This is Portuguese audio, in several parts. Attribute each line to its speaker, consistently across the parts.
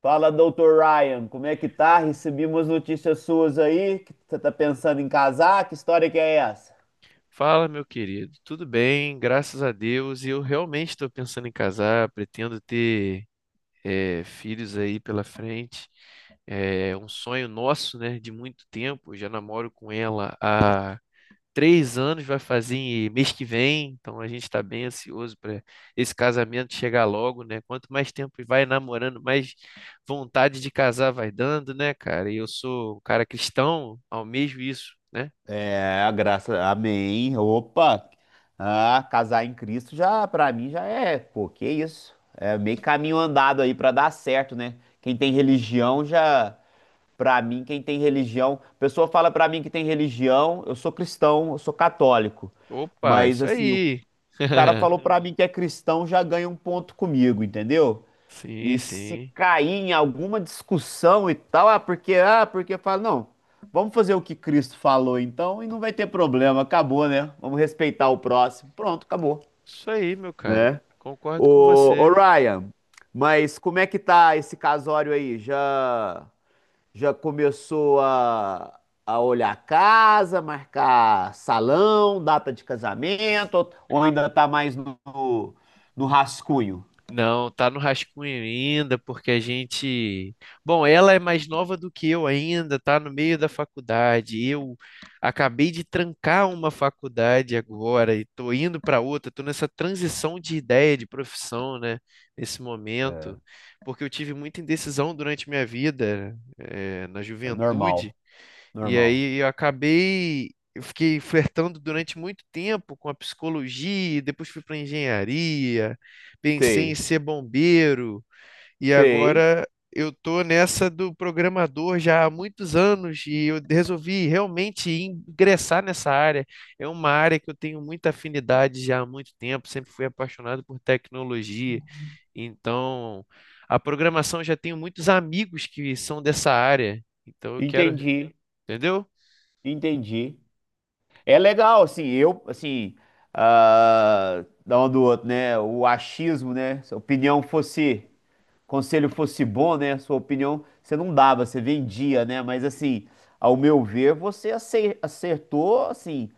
Speaker 1: Fala, doutor Ryan, como é que tá? Recebi umas notícias suas aí, que você tá pensando em casar, que história que é essa?
Speaker 2: Fala, meu querido. Tudo bem, graças a Deus. E eu realmente estou pensando em casar, pretendo ter filhos aí pela frente. É um sonho nosso, né, de muito tempo. Eu já namoro com ela há 3 anos, vai fazer mês que vem. Então a gente está bem ansioso para esse casamento chegar logo, né? Quanto mais tempo vai namorando, mais vontade de casar vai dando, né, cara? E eu sou um cara cristão, almejo isso, né?
Speaker 1: É, graças, amém. Opa, casar em Cristo já, pra mim já é, pô, que isso? É meio caminho andado aí pra dar certo, né? Quem tem religião já, pra mim, quem tem religião, pessoa fala pra mim que tem religião, eu sou cristão, eu sou católico,
Speaker 2: Opa,
Speaker 1: mas
Speaker 2: isso
Speaker 1: assim, o
Speaker 2: aí.
Speaker 1: cara falou pra mim que é cristão, já ganha um ponto comigo, entendeu? E
Speaker 2: Sim,
Speaker 1: se
Speaker 2: sim.
Speaker 1: cair em alguma discussão e tal, ah, porque fala, não, vamos fazer o que Cristo falou então e não vai ter problema, acabou, né? Vamos respeitar o próximo. Pronto, acabou,
Speaker 2: Isso aí, meu cara.
Speaker 1: né?
Speaker 2: Concordo com
Speaker 1: Ô, ô
Speaker 2: você.
Speaker 1: Ryan, mas como é que tá esse casório aí? Já começou a olhar a casa, marcar salão, data de casamento, ou ainda tá mais no, no rascunho?
Speaker 2: Não, tá no rascunho ainda, porque a gente. Bom, ela é mais nova do que eu ainda, tá no meio da faculdade. Eu acabei de trancar uma faculdade agora e tô indo para outra, tô nessa transição de ideia, de profissão, né? Nesse
Speaker 1: É,
Speaker 2: momento, porque eu tive muita indecisão durante minha vida, na juventude.
Speaker 1: normal,
Speaker 2: E
Speaker 1: normal.
Speaker 2: aí eu acabei, eu fiquei flertando durante muito tempo com a psicologia, depois fui para engenharia, pensei em
Speaker 1: Sei.
Speaker 2: ser bombeiro e
Speaker 1: Sei,
Speaker 2: agora eu tô nessa do programador já há muitos anos e eu resolvi realmente ingressar nessa área. É uma área que eu tenho muita afinidade já há muito tempo, sempre fui apaixonado por tecnologia. Então, a programação, já tenho muitos amigos que são dessa área. Então eu quero,
Speaker 1: entendi,
Speaker 2: entendeu?
Speaker 1: entendi. É legal, assim, eu, assim, ah, da um do outro, né? O achismo, né? Se a opinião fosse, conselho fosse bom, né? Sua opinião você não dava, você vendia, né? Mas, assim, ao meu ver, você acertou, assim,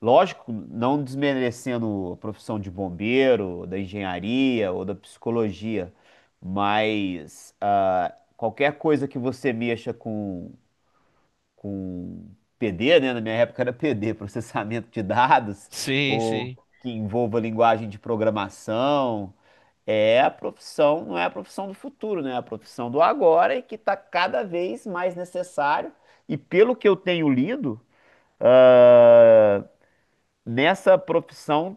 Speaker 1: lógico, não desmerecendo a profissão de bombeiro, da engenharia ou da psicologia, mas ah, qualquer coisa que você mexa com com PD, né? Na minha época era PD, processamento de dados,
Speaker 2: Sim,
Speaker 1: ou
Speaker 2: sim,
Speaker 1: que envolva linguagem de programação. É a profissão, não é a profissão do futuro, né? É a profissão do agora e que está cada vez mais necessário. E pelo que eu tenho lido, ah, nessa profissão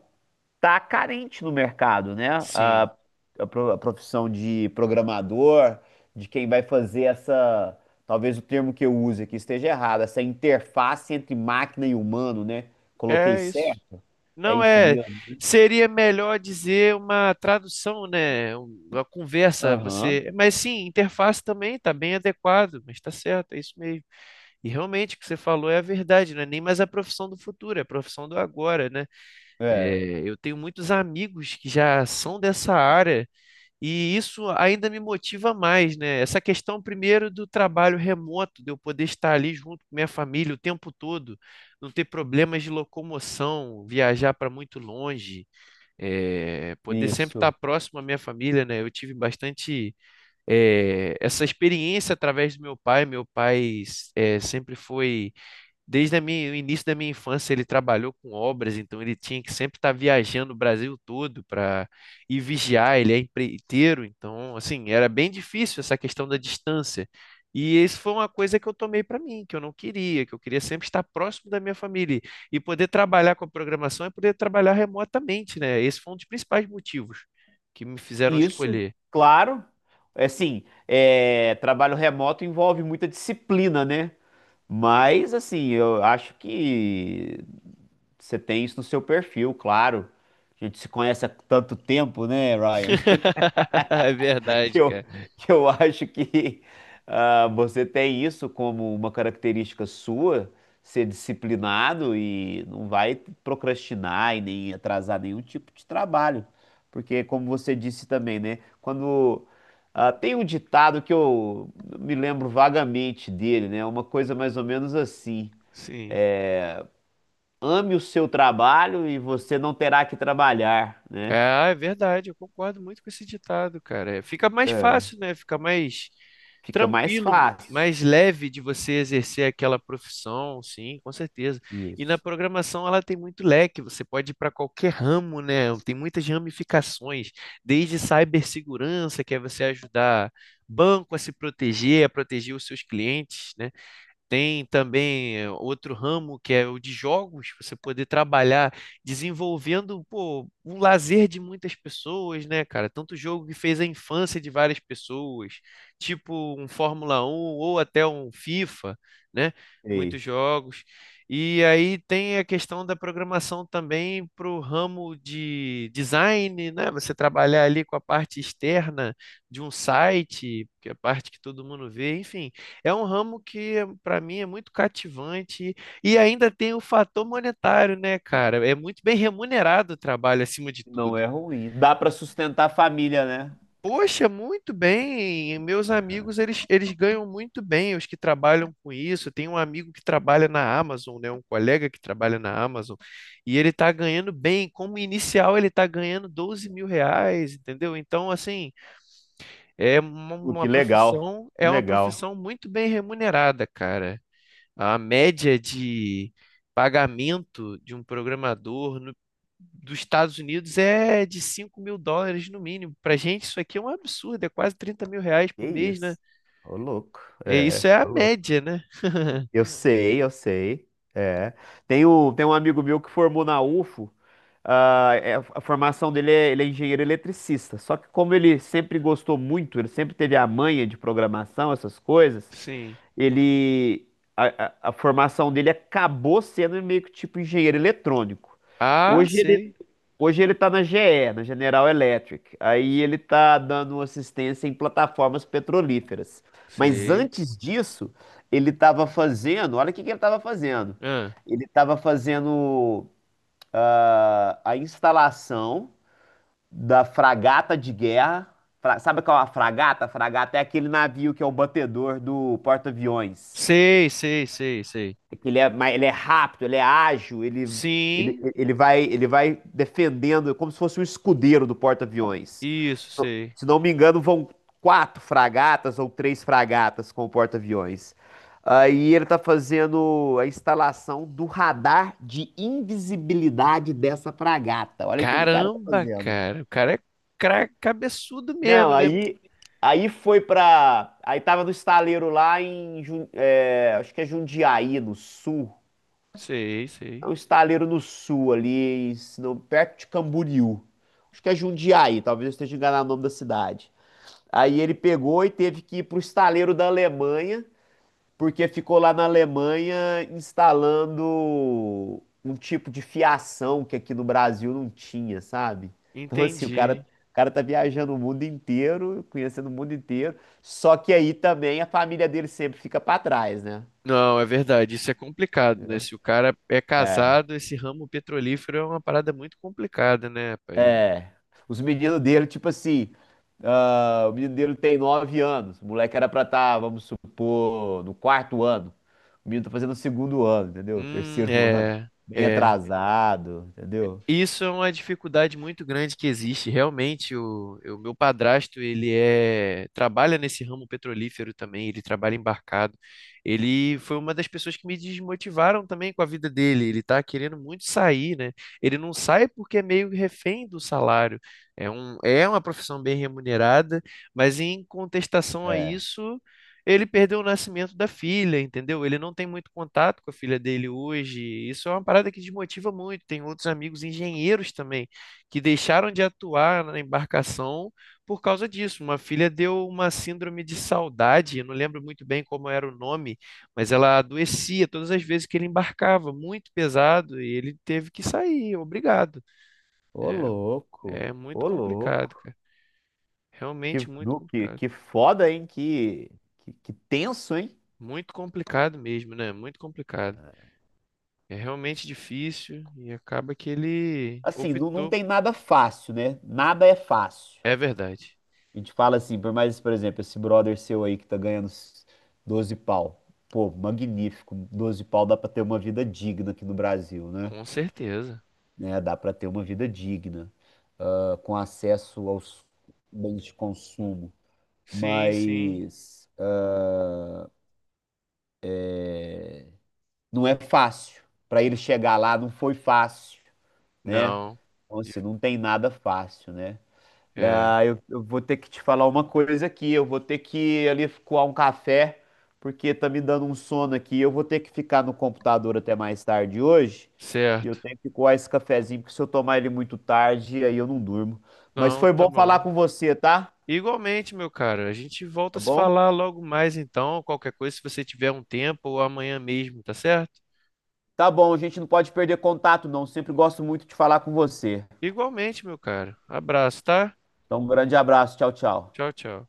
Speaker 1: tá carente no mercado, né?
Speaker 2: sim.
Speaker 1: A a profissão de programador, de quem vai fazer essa, talvez o termo que eu use aqui esteja errado, essa interface entre máquina e humano, né? Coloquei
Speaker 2: É isso.
Speaker 1: certo? É
Speaker 2: Não
Speaker 1: isso
Speaker 2: é.
Speaker 1: mesmo?
Speaker 2: Seria melhor dizer uma tradução, né? Uma conversa.
Speaker 1: Aham.
Speaker 2: Você. Mas sim, interface também está bem adequado, mas está certo, é isso mesmo. E realmente o que você falou é a verdade, não é nem mais a profissão do futuro, é a profissão do agora, né?
Speaker 1: É,
Speaker 2: É, eu tenho muitos amigos que já são dessa área. E isso ainda me motiva mais, né? Essa questão, primeiro, do trabalho remoto, de eu poder estar ali junto com minha família o tempo todo, não ter problemas de locomoção, viajar para muito longe, poder sempre estar
Speaker 1: isso.
Speaker 2: próximo à minha família, né? Eu tive bastante, essa experiência através do meu pai. Meu pai, eh, sempre foi Desde o início da minha infância, ele trabalhou com obras, então ele tinha que sempre estar viajando o Brasil todo para ir vigiar. Ele é empreiteiro, então, assim, era bem difícil essa questão da distância. E isso foi uma coisa que eu tomei para mim, que eu não queria, que eu queria sempre estar próximo da minha família. E poder trabalhar com a programação é poder trabalhar remotamente, né? Esse foi um dos principais motivos que me fizeram
Speaker 1: Isso,
Speaker 2: escolher.
Speaker 1: claro. É assim, é, trabalho remoto envolve muita disciplina, né? Mas, assim, eu acho que você tem isso no seu perfil, claro. A gente se conhece há tanto tempo, né, Ryan?
Speaker 2: É
Speaker 1: Que
Speaker 2: verdade,
Speaker 1: eu,
Speaker 2: cara.
Speaker 1: que eu acho que ah, você tem isso como uma característica sua, ser disciplinado e não vai procrastinar e nem atrasar nenhum tipo de trabalho. Porque, como você disse também, né? Quando, ah, tem um ditado que eu me lembro vagamente dele, né? Uma coisa mais ou menos assim.
Speaker 2: Sim.
Speaker 1: Ame o seu trabalho e você não terá que trabalhar, né?
Speaker 2: Ah, é verdade, eu concordo muito com esse ditado, cara. É, fica mais
Speaker 1: É,
Speaker 2: fácil, né? Fica mais
Speaker 1: fica mais
Speaker 2: tranquilo,
Speaker 1: fácil.
Speaker 2: mais leve de você exercer aquela profissão, sim, com certeza. E na
Speaker 1: Isso.
Speaker 2: programação ela tem muito leque, você pode ir para qualquer ramo, né? Tem muitas ramificações, desde cibersegurança, que é você ajudar banco a se proteger, a proteger os seus clientes, né? Tem também, outro ramo que é o de jogos, você poder trabalhar desenvolvendo, pô, um lazer de muitas pessoas, né, cara? Tanto jogo que fez a infância de várias pessoas, tipo um Fórmula 1 ou até um FIFA, né?
Speaker 1: Ei,
Speaker 2: Muitos jogos. E aí tem a questão da programação também para o ramo de design, né? Você trabalhar ali com a parte externa de um site, que é a parte que todo mundo vê, enfim. É um ramo que, para mim, é muito cativante e ainda tem o fator monetário, né, cara? É muito bem remunerado o trabalho, acima de
Speaker 1: não
Speaker 2: tudo.
Speaker 1: é ruim. Dá para sustentar a família, né?
Speaker 2: Poxa, muito bem. Meus amigos, eles ganham muito bem, os que trabalham com isso. Tem um amigo que trabalha na Amazon, né? Um colega que trabalha na Amazon, e ele tá ganhando bem. Como inicial, ele tá ganhando 12 mil reais, entendeu? Então, assim, é
Speaker 1: Pô,
Speaker 2: uma profissão,
Speaker 1: que
Speaker 2: é uma
Speaker 1: legal.
Speaker 2: profissão muito bem remunerada, cara. A média de pagamento de um programador dos Estados Unidos é de US$ 5.000 no mínimo. Para gente, isso aqui é um absurdo, é quase 30 mil reais
Speaker 1: Que
Speaker 2: por mês, né?
Speaker 1: isso. Ô, louco.
Speaker 2: É, isso
Speaker 1: É,
Speaker 2: é a
Speaker 1: ô louco.
Speaker 2: média, né?
Speaker 1: Eu sei. É. Tem um amigo meu que formou na UFO. Ah, é, a formação dele é, ele é engenheiro eletricista. Só que como ele sempre gostou muito, ele sempre teve a manha de programação, essas coisas,
Speaker 2: Sim.
Speaker 1: ele a, a formação dele acabou sendo meio que tipo engenheiro eletrônico.
Speaker 2: Ah,
Speaker 1: Hoje ele
Speaker 2: sei.
Speaker 1: hoje ele está na GE, na General Electric. Aí ele está dando assistência em plataformas petrolíferas. Mas
Speaker 2: Sei.
Speaker 1: antes disso, ele estava fazendo, olha o que que ele estava fazendo.
Speaker 2: Ah,
Speaker 1: Ele estava fazendo ah, a instalação da fragata de guerra. Sabe qual é a fragata? A fragata é aquele navio que é o batedor do porta-aviões.
Speaker 2: sei, sei, sei, sei.
Speaker 1: É que ele é, ele é rápido, ele é ágil,
Speaker 2: Sim,
Speaker 1: ele vai, defendendo como se fosse um escudeiro do porta-aviões.
Speaker 2: isso,
Speaker 1: Se não,
Speaker 2: sei.
Speaker 1: se não me engano, vão quatro fragatas ou três fragatas com o porta-aviões. Aí ele está fazendo a instalação do radar de invisibilidade dessa fragata. Olha o que o cara tá
Speaker 2: Caramba,
Speaker 1: fazendo.
Speaker 2: cara. O cara é cabeçudo mesmo,
Speaker 1: Não,
Speaker 2: né?
Speaker 1: aí foi pra. Aí tava no estaleiro lá em. É, acho que é Jundiaí, no sul.
Speaker 2: Sei,
Speaker 1: É
Speaker 2: sei.
Speaker 1: um estaleiro no sul ali, se não, perto de Camboriú. Acho que é Jundiaí, talvez eu esteja enganado o nome da cidade. Aí ele pegou e teve que ir pro estaleiro da Alemanha, porque ficou lá na Alemanha instalando um tipo de fiação que aqui no Brasil não tinha, sabe? Então assim,
Speaker 2: Entendi.
Speaker 1: o cara tá viajando o mundo inteiro, conhecendo o mundo inteiro, só que aí também a família dele sempre fica pra trás, né?
Speaker 2: Não, é verdade, isso é complicado, né? Se o cara é casado, esse ramo petrolífero é uma parada muito complicada, né, rapaz?
Speaker 1: É. Os meninos dele, tipo assim, ah, o menino dele tem 9 anos. O moleque era pra estar, vamos supor, no quarto ano. O menino tá fazendo o segundo ano, entendeu? Terceiro ano.
Speaker 2: É,
Speaker 1: Bem
Speaker 2: é.
Speaker 1: atrasado, entendeu?
Speaker 2: Isso é uma dificuldade muito grande que existe. Realmente, o meu padrasto, trabalha nesse ramo petrolífero também, ele trabalha embarcado. Ele foi uma das pessoas que me desmotivaram também com a vida dele. Ele está querendo muito sair, né? Ele não sai porque é meio refém do salário. É uma profissão bem remunerada, mas em contestação a
Speaker 1: É.
Speaker 2: isso, ele perdeu o nascimento da filha, entendeu? Ele não tem muito contato com a filha dele hoje. Isso é uma parada que desmotiva muito. Tem outros amigos engenheiros também que deixaram de atuar na embarcação por causa disso. Uma filha deu uma síndrome de saudade, eu não lembro muito bem como era o nome, mas ela adoecia todas as vezes que ele embarcava, muito pesado, e ele teve que sair, obrigado.
Speaker 1: Ô louco,
Speaker 2: É, é muito
Speaker 1: ô
Speaker 2: complicado,
Speaker 1: louco.
Speaker 2: cara. Realmente muito complicado.
Speaker 1: Que foda, hein? Que tenso, hein?
Speaker 2: Muito complicado mesmo, né? Muito complicado. É realmente difícil e acaba que ele
Speaker 1: Assim, não
Speaker 2: optou.
Speaker 1: tem nada fácil, né? Nada é fácil.
Speaker 2: É verdade.
Speaker 1: A gente fala assim, por mais, por exemplo, esse brother seu aí que tá ganhando 12 pau. Pô, magnífico. 12 pau dá pra ter uma vida digna aqui no Brasil, né?
Speaker 2: Com certeza.
Speaker 1: Né, dá pra ter uma vida digna, ah, com acesso aos bens de consumo.
Speaker 2: Sim, sim.
Speaker 1: Mas ah, não é fácil. Pra ele chegar lá não foi fácil, né?
Speaker 2: Não.
Speaker 1: Então,
Speaker 2: De-
Speaker 1: assim, não tem nada fácil, né?
Speaker 2: É.
Speaker 1: Ah, eu vou ter que te falar uma coisa aqui. Eu vou ter que ir ali coar um café, porque tá me dando um sono aqui. Eu vou ter que ficar no computador até mais tarde hoje. E eu
Speaker 2: Certo.
Speaker 1: tenho que coar esse cafezinho, porque se eu tomar ele muito tarde, aí eu não durmo. Mas
Speaker 2: Não,
Speaker 1: foi
Speaker 2: tá
Speaker 1: bom falar
Speaker 2: bom.
Speaker 1: com você, tá?
Speaker 2: Igualmente, meu cara, a gente volta
Speaker 1: Tá
Speaker 2: a se
Speaker 1: bom?
Speaker 2: falar logo mais então, qualquer coisa, se você tiver um tempo ou amanhã mesmo, tá certo?
Speaker 1: Tá bom, a gente não pode perder contato, não. Sempre gosto muito de falar com você.
Speaker 2: Igualmente, meu cara. Abraço, tá?
Speaker 1: Então, um grande abraço. Tchau, tchau.
Speaker 2: Tchau, tchau.